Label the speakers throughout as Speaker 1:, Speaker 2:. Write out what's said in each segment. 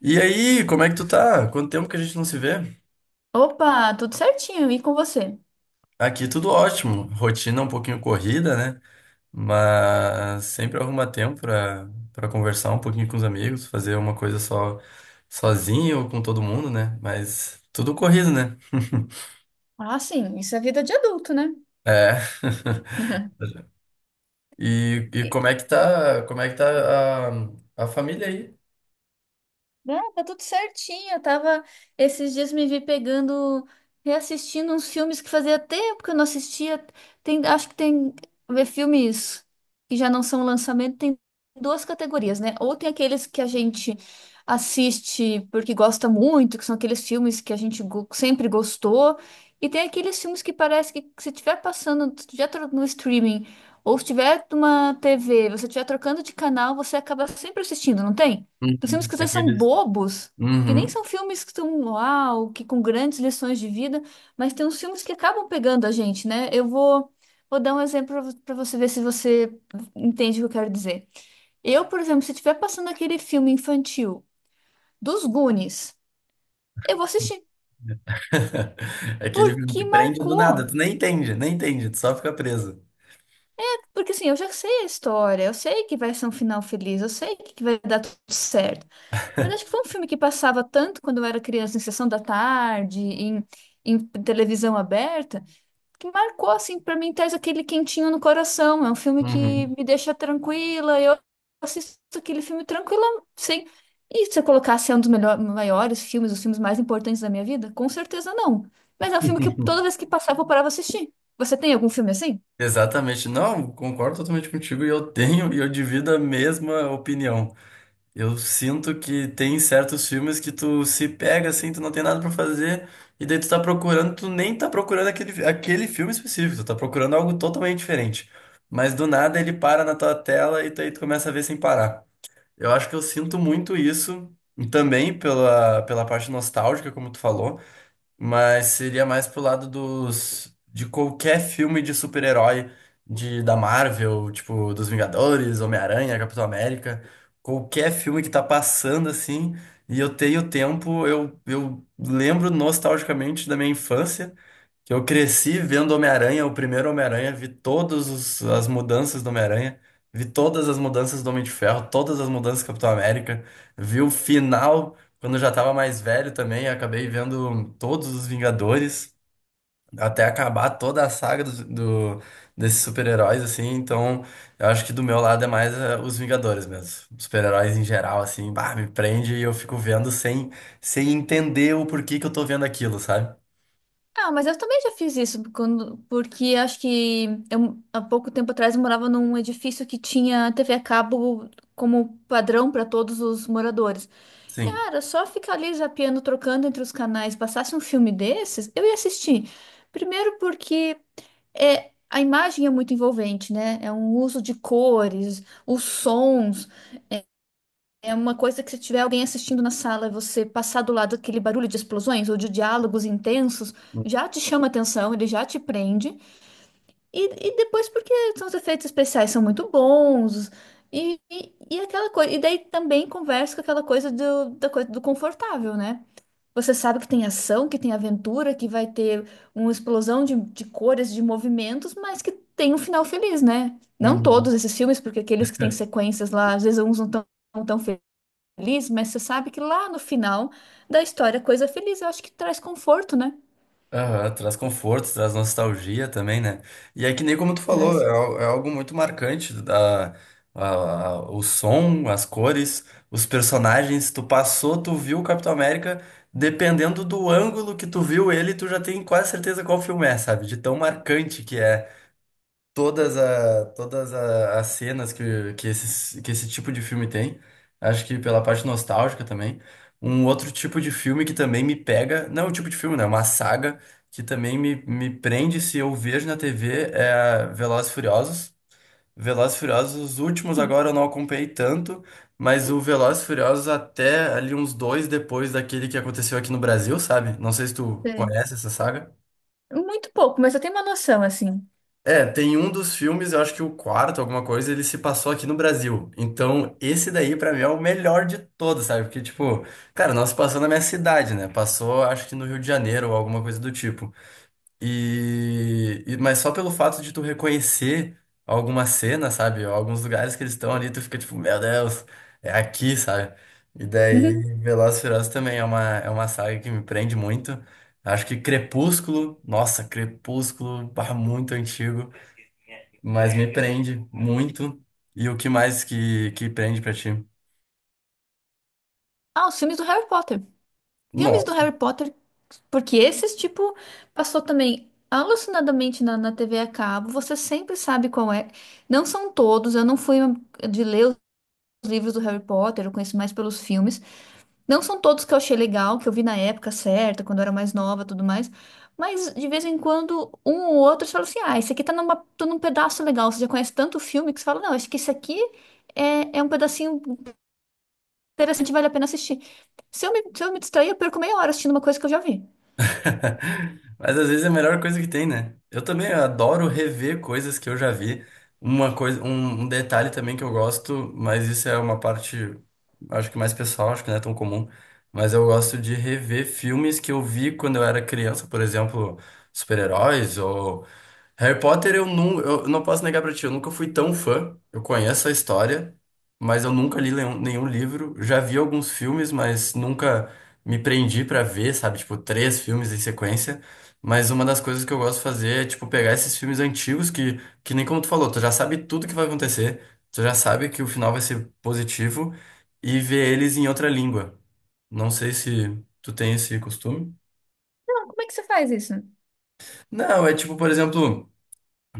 Speaker 1: E aí, como é que tu tá? Quanto tempo que a gente não se vê?
Speaker 2: Opa, tudo certinho, e com você?
Speaker 1: Aqui tudo ótimo. Rotina um pouquinho corrida, né? Mas sempre arruma tempo pra conversar um pouquinho com os amigos, fazer uma coisa só sozinho ou com todo mundo, né? Mas tudo corrido, né?
Speaker 2: Ah, sim, isso é vida de adulto, né?
Speaker 1: É. E
Speaker 2: E
Speaker 1: como é que tá, a família aí?
Speaker 2: Não, tá tudo certinho. Eu tava, esses dias me vi pegando, reassistindo uns filmes que fazia tempo que eu não assistia. Tem, acho que tem ver filmes que já não são lançamento, tem duas categorias, né? Ou tem aqueles que a gente assiste porque gosta muito, que são aqueles filmes que a gente sempre gostou, e tem aqueles filmes que parece que se estiver passando, se estiver no streaming, ou se tiver numa TV, você estiver trocando de canal, você acaba sempre assistindo, não tem? Os filmes
Speaker 1: Uhum.
Speaker 2: que às vezes são
Speaker 1: Aqueles.
Speaker 2: bobos, que nem
Speaker 1: Uhum.
Speaker 2: são filmes que estão uau, que com grandes lições de vida, mas tem uns filmes que acabam pegando a gente, né? Eu vou, vou dar um exemplo para você ver se você entende o que eu quero dizer. Eu, por exemplo, se estiver passando aquele filme infantil dos Goonies, eu vou assistir
Speaker 1: Aquele filme que
Speaker 2: porque
Speaker 1: prende do
Speaker 2: marcou.
Speaker 1: nada, tu nem entende, tu só fica preso.
Speaker 2: Porque assim, eu já sei a história, eu sei que vai ser um final feliz, eu sei que vai dar tudo certo. Mas acho que foi um filme que passava tanto quando eu era criança, em sessão da tarde, em televisão aberta, que marcou, assim, pra mim, traz aquele quentinho no coração. É um filme que
Speaker 1: Uhum.
Speaker 2: me deixa tranquila. Eu assisto aquele filme tranquila, sem. E se eu colocasse é um dos melhor, maiores filmes, os filmes mais importantes da minha vida? Com certeza não. Mas é um filme que toda vez que passava eu parava pra assistir. Você tem algum filme assim?
Speaker 1: Exatamente. Não, concordo totalmente contigo e eu tenho e eu divido a mesma opinião. Eu sinto que tem certos filmes que tu se pega assim, tu não tem nada pra fazer e daí tu tá procurando, tu nem tá procurando aquele filme específico, tu tá procurando algo totalmente diferente. Mas do nada ele para na tua tela e tu, aí tu começa a ver sem parar. Eu acho que eu sinto muito isso e também pela parte nostálgica, como tu falou, mas seria mais pro lado dos de qualquer filme de super-herói de da Marvel, tipo dos Vingadores, Homem-Aranha, Capitão América, qualquer filme que tá passando assim, e eu tenho tempo, eu lembro nostalgicamente da minha infância. Que eu cresci vendo Homem-Aranha, o primeiro Homem-Aranha, vi todas as mudanças do Homem-Aranha, vi todas as mudanças do Homem de Ferro, todas as mudanças do Capitão América, vi o final quando eu já tava mais velho também, acabei vendo todos os Vingadores, até acabar toda a saga do, desses super-heróis, assim, então eu acho que do meu lado é mais os Vingadores mesmo. Os super-heróis em geral, assim, bah, me prende e eu fico vendo sem, sem entender o porquê que eu tô vendo aquilo, sabe?
Speaker 2: Ah, mas eu também já fiz isso, quando, porque acho que eu, há pouco tempo atrás eu morava num edifício que tinha TV a cabo como padrão para todos os moradores. E,
Speaker 1: Sim.
Speaker 2: ah, era só ficar ali zapeando, trocando entre os canais, passasse um filme desses, eu ia assistir. Primeiro porque é, a imagem é muito envolvente, né? É um uso de cores, os sons. É uma coisa que se tiver alguém assistindo na sala e você passar do lado daquele barulho de explosões ou de diálogos intensos, já te chama atenção, ele já te prende. Depois porque são os efeitos especiais são muito bons. Aquela coisa, e daí também conversa com aquela coisa do, da coisa do confortável, né? Você sabe que tem ação, que tem aventura, que vai ter uma explosão de cores, de movimentos, mas que tem um final feliz, né? Não
Speaker 1: Uhum.
Speaker 2: todos esses filmes, porque aqueles que têm sequências lá, às vezes uns não estão tão feliz, mas você sabe que lá no final da história, coisa feliz, eu acho que traz conforto, né?
Speaker 1: Aham, traz conforto, traz nostalgia também, né? E é que nem como tu falou,
Speaker 2: Traz.
Speaker 1: é, é algo muito marcante, da, o som, as cores, os personagens, tu passou, tu viu o Capitão América, dependendo do ângulo que tu viu ele, tu já tem quase certeza qual filme é, sabe? De tão marcante que é todas, a, todas a, as cenas que, esses, que esse tipo de filme tem. Acho que pela parte nostálgica também. Um outro tipo de filme que também me pega, não é um tipo de filme, né? É uma saga que também me prende se eu vejo na TV é Velozes e Furiosos. Velozes e Furiosos, os últimos agora eu não acompanhei tanto, mas o Velozes e Furiosos até ali uns dois depois daquele que aconteceu aqui no Brasil, sabe? Não sei se tu
Speaker 2: Sei.
Speaker 1: conhece essa saga.
Speaker 2: Muito pouco, mas eu tenho uma noção, assim.
Speaker 1: É, tem um dos filmes, eu acho que o quarto, alguma coisa, ele se passou aqui no Brasil. Então, esse daí, pra mim, é o melhor de todos, sabe? Porque, tipo, cara, não se passou na minha cidade, né? Passou, acho que no Rio de Janeiro ou alguma coisa do tipo. E, mas só pelo fato de tu reconhecer alguma cena, sabe? Alguns lugares que eles estão ali, tu fica tipo, meu Deus, é aqui, sabe? E
Speaker 2: Uhum.
Speaker 1: daí, Velozes e Furiosos também é uma saga que me prende muito. Acho que Crepúsculo, nossa, Crepúsculo, bah, muito antigo, mas me prende muito. E o que mais que prende pra ti?
Speaker 2: Ah, os filmes do Harry Potter. Filmes do
Speaker 1: Nossa.
Speaker 2: Harry Potter, porque esses, tipo, passou também alucinadamente na TV a cabo, você sempre sabe qual é. Não são todos, eu não fui de ler os livros do Harry Potter, eu conheço mais pelos filmes. Não são todos que eu achei legal, que eu vi na época certa, quando eu era mais nova, tudo mais. Mas de vez em quando, um ou outro, você fala assim: ah, esse aqui tá, numa, tá num pedaço legal. Você já conhece tanto filme que você fala: não, acho que esse aqui é um pedacinho interessante, vale a pena assistir. Se eu me distrair, eu perco meia hora assistindo uma coisa que eu já vi.
Speaker 1: Mas às vezes é a melhor coisa que tem, né? Eu também adoro rever coisas que eu já vi. Uma coisa, um detalhe também que eu gosto, mas isso é uma parte, acho que mais pessoal, acho que não é tão comum. Mas eu gosto de rever filmes que eu vi quando eu era criança, por exemplo, super-heróis ou Harry Potter, eu não posso negar pra ti, eu nunca fui tão fã. Eu conheço a história, mas eu nunca li nenhum livro. Já vi alguns filmes, mas nunca me prendi pra ver, sabe? Tipo, três filmes em sequência. Mas uma das coisas que eu gosto de fazer é, tipo, pegar esses filmes antigos que nem como tu falou, tu já sabe tudo que vai acontecer, tu já sabe que o final vai ser positivo e ver eles em outra língua. Não sei se tu tem esse costume.
Speaker 2: Não, como é que você faz isso?
Speaker 1: Não, é tipo, por exemplo.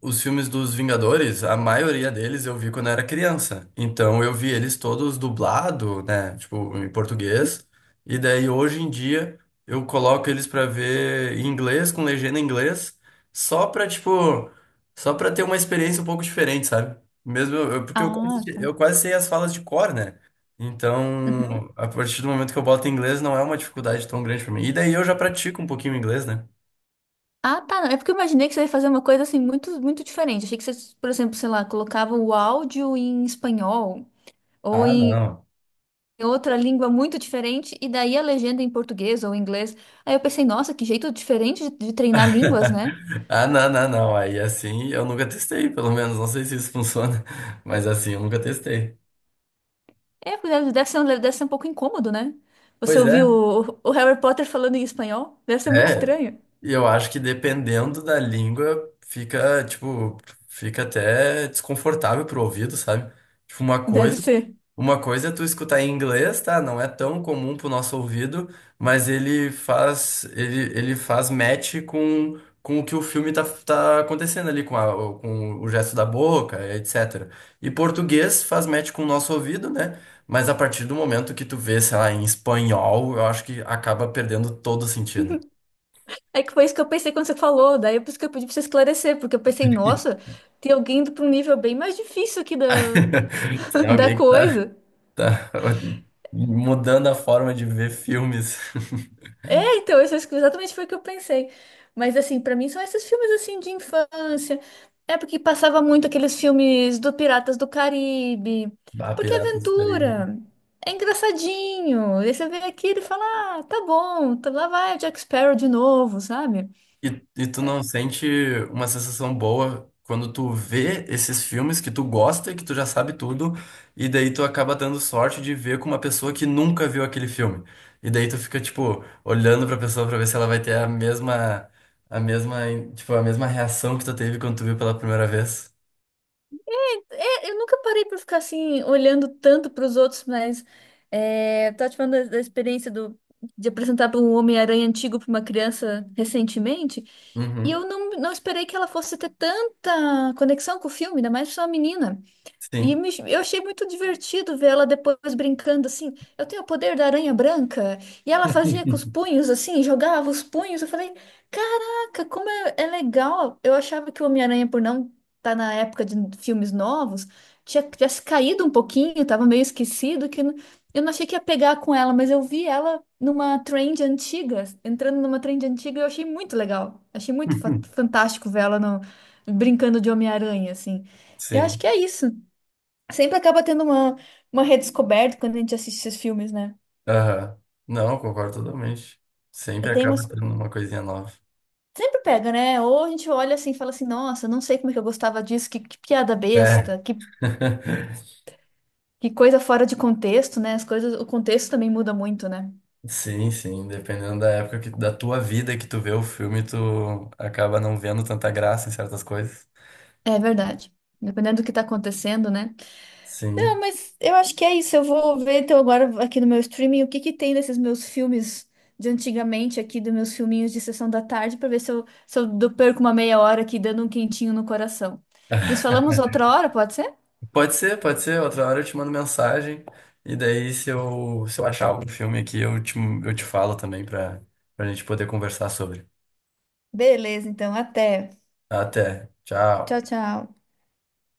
Speaker 1: Os filmes dos Vingadores, a maioria deles eu vi quando era criança. Então eu vi eles todos dublado, né? Tipo, em português. E daí hoje em dia eu coloco eles pra ver em inglês, com legenda em inglês, só pra, tipo, só pra ter uma experiência um pouco diferente, sabe? Mesmo porque
Speaker 2: Ah, tá.
Speaker 1: eu quase sei as falas de cor, né?
Speaker 2: Uhum.
Speaker 1: Então, a partir do momento que eu boto em inglês, não é uma dificuldade tão grande pra mim. E daí eu já pratico um pouquinho o inglês, né?
Speaker 2: Ah, tá. Não. É porque eu imaginei que você ia fazer uma coisa assim muito diferente. Achei que você, por exemplo, sei lá, colocava o áudio em espanhol ou
Speaker 1: Ah, não.
Speaker 2: em outra língua muito diferente, e daí a legenda em português ou inglês. Aí eu pensei, nossa, que jeito diferente de treinar línguas, né?
Speaker 1: Ah, não, não, não. Aí assim, eu nunca testei, pelo menos. Não sei se isso funciona, mas assim, eu nunca testei.
Speaker 2: É, deve ser, deve ser um pouco incômodo, né? Você
Speaker 1: Pois
Speaker 2: ouviu
Speaker 1: é,
Speaker 2: o Harry Potter falando em espanhol? Deve ser muito
Speaker 1: é.
Speaker 2: estranho.
Speaker 1: E eu acho que dependendo da língua, fica, tipo, fica até desconfortável pro ouvido, sabe? Tipo, uma
Speaker 2: Deve
Speaker 1: coisa.
Speaker 2: ser.
Speaker 1: Uma coisa é tu escutar em inglês, tá? Não é tão comum pro nosso ouvido, mas ele faz match com o que o filme tá, tá acontecendo ali, com, com o gesto da boca, etc. E português faz match com o nosso ouvido, né? Mas a partir do momento que tu vê, sei lá, em espanhol, eu acho que acaba perdendo todo o sentido.
Speaker 2: É que foi isso que eu pensei quando você falou, daí é por isso que eu pedi pra você esclarecer, porque eu pensei, nossa, tem alguém indo pra um nível bem mais difícil aqui da,
Speaker 1: Tem
Speaker 2: da
Speaker 1: alguém que tá,
Speaker 2: coisa.
Speaker 1: tá mudando a forma de ver filmes.
Speaker 2: É, então, isso exatamente foi o que eu pensei. Mas assim, pra mim são esses filmes assim de infância. É porque passava muito aqueles filmes do Piratas do Caribe.
Speaker 1: Bah,
Speaker 2: Porque é
Speaker 1: Piratas do Caribe.
Speaker 2: aventura. É engraçadinho. E você vê aquilo e fala: "Ah, tá bom, lá vai o Jack Sparrow de novo", sabe?
Speaker 1: E tu não sente uma sensação boa quando tu vê esses filmes que tu gosta e que tu já sabe tudo, e daí tu acaba dando sorte de ver com uma pessoa que nunca viu aquele filme. E daí tu fica, tipo, olhando pra pessoa pra ver se ela vai ter a mesma, tipo, a mesma reação que tu teve quando tu viu pela primeira vez.
Speaker 2: É, eu nunca parei para ficar assim, olhando tanto para os outros, mas é, tá te falando da experiência do, de apresentar para um Homem-Aranha antigo para uma criança recentemente, e
Speaker 1: Uhum.
Speaker 2: eu não esperei que ela fosse ter tanta conexão com o filme, ainda mais só uma menina.
Speaker 1: Sim.
Speaker 2: Eu achei muito divertido ver ela depois brincando assim. Eu tenho o poder da aranha branca. E ela fazia com os punhos assim, jogava os punhos. Eu falei, caraca, como é, é legal. Eu achava que o Homem-Aranha, por não estar na época de filmes novos, tinha se caído um pouquinho, tava meio esquecido, que eu eu não achei que ia pegar com ela, mas eu vi ela numa trend antiga, entrando numa trend antiga, e eu achei muito legal. Achei muito fantástico ver ela brincando de Homem-Aranha, assim. Eu acho
Speaker 1: Sim.
Speaker 2: que é isso. Sempre acaba tendo uma redescoberta quando a gente assiste esses filmes, né?
Speaker 1: Aham. Não, concordo totalmente. Sempre
Speaker 2: Tem
Speaker 1: acaba
Speaker 2: umas.
Speaker 1: tendo uma coisinha nova.
Speaker 2: Sempre pega, né? Ou a gente olha assim e fala assim, nossa, não sei como é que eu gostava disso, que piada
Speaker 1: É.
Speaker 2: besta, que coisa fora de contexto, né? As coisas, o contexto também muda muito, né?
Speaker 1: Sim, sim, dependendo da tua vida que tu vê o filme, tu acaba não vendo tanta graça em certas coisas.
Speaker 2: É verdade. Dependendo do que tá acontecendo, né? Não,
Speaker 1: Sim.
Speaker 2: mas eu acho que é isso. Eu vou ver então agora aqui no meu streaming o que que tem desses meus filmes de antigamente aqui, dos meus filminhos de sessão da tarde, para ver se eu perco uma meia hora aqui dando um quentinho no coração. Nos falamos outra hora, pode ser?
Speaker 1: Pode ser, pode ser. Outra hora eu te mando mensagem. E daí, se eu achar algum filme aqui, eu te falo também pra, pra gente poder conversar sobre.
Speaker 2: Beleza, então, até.
Speaker 1: Até.
Speaker 2: Tchau,
Speaker 1: Tchau.
Speaker 2: tchau.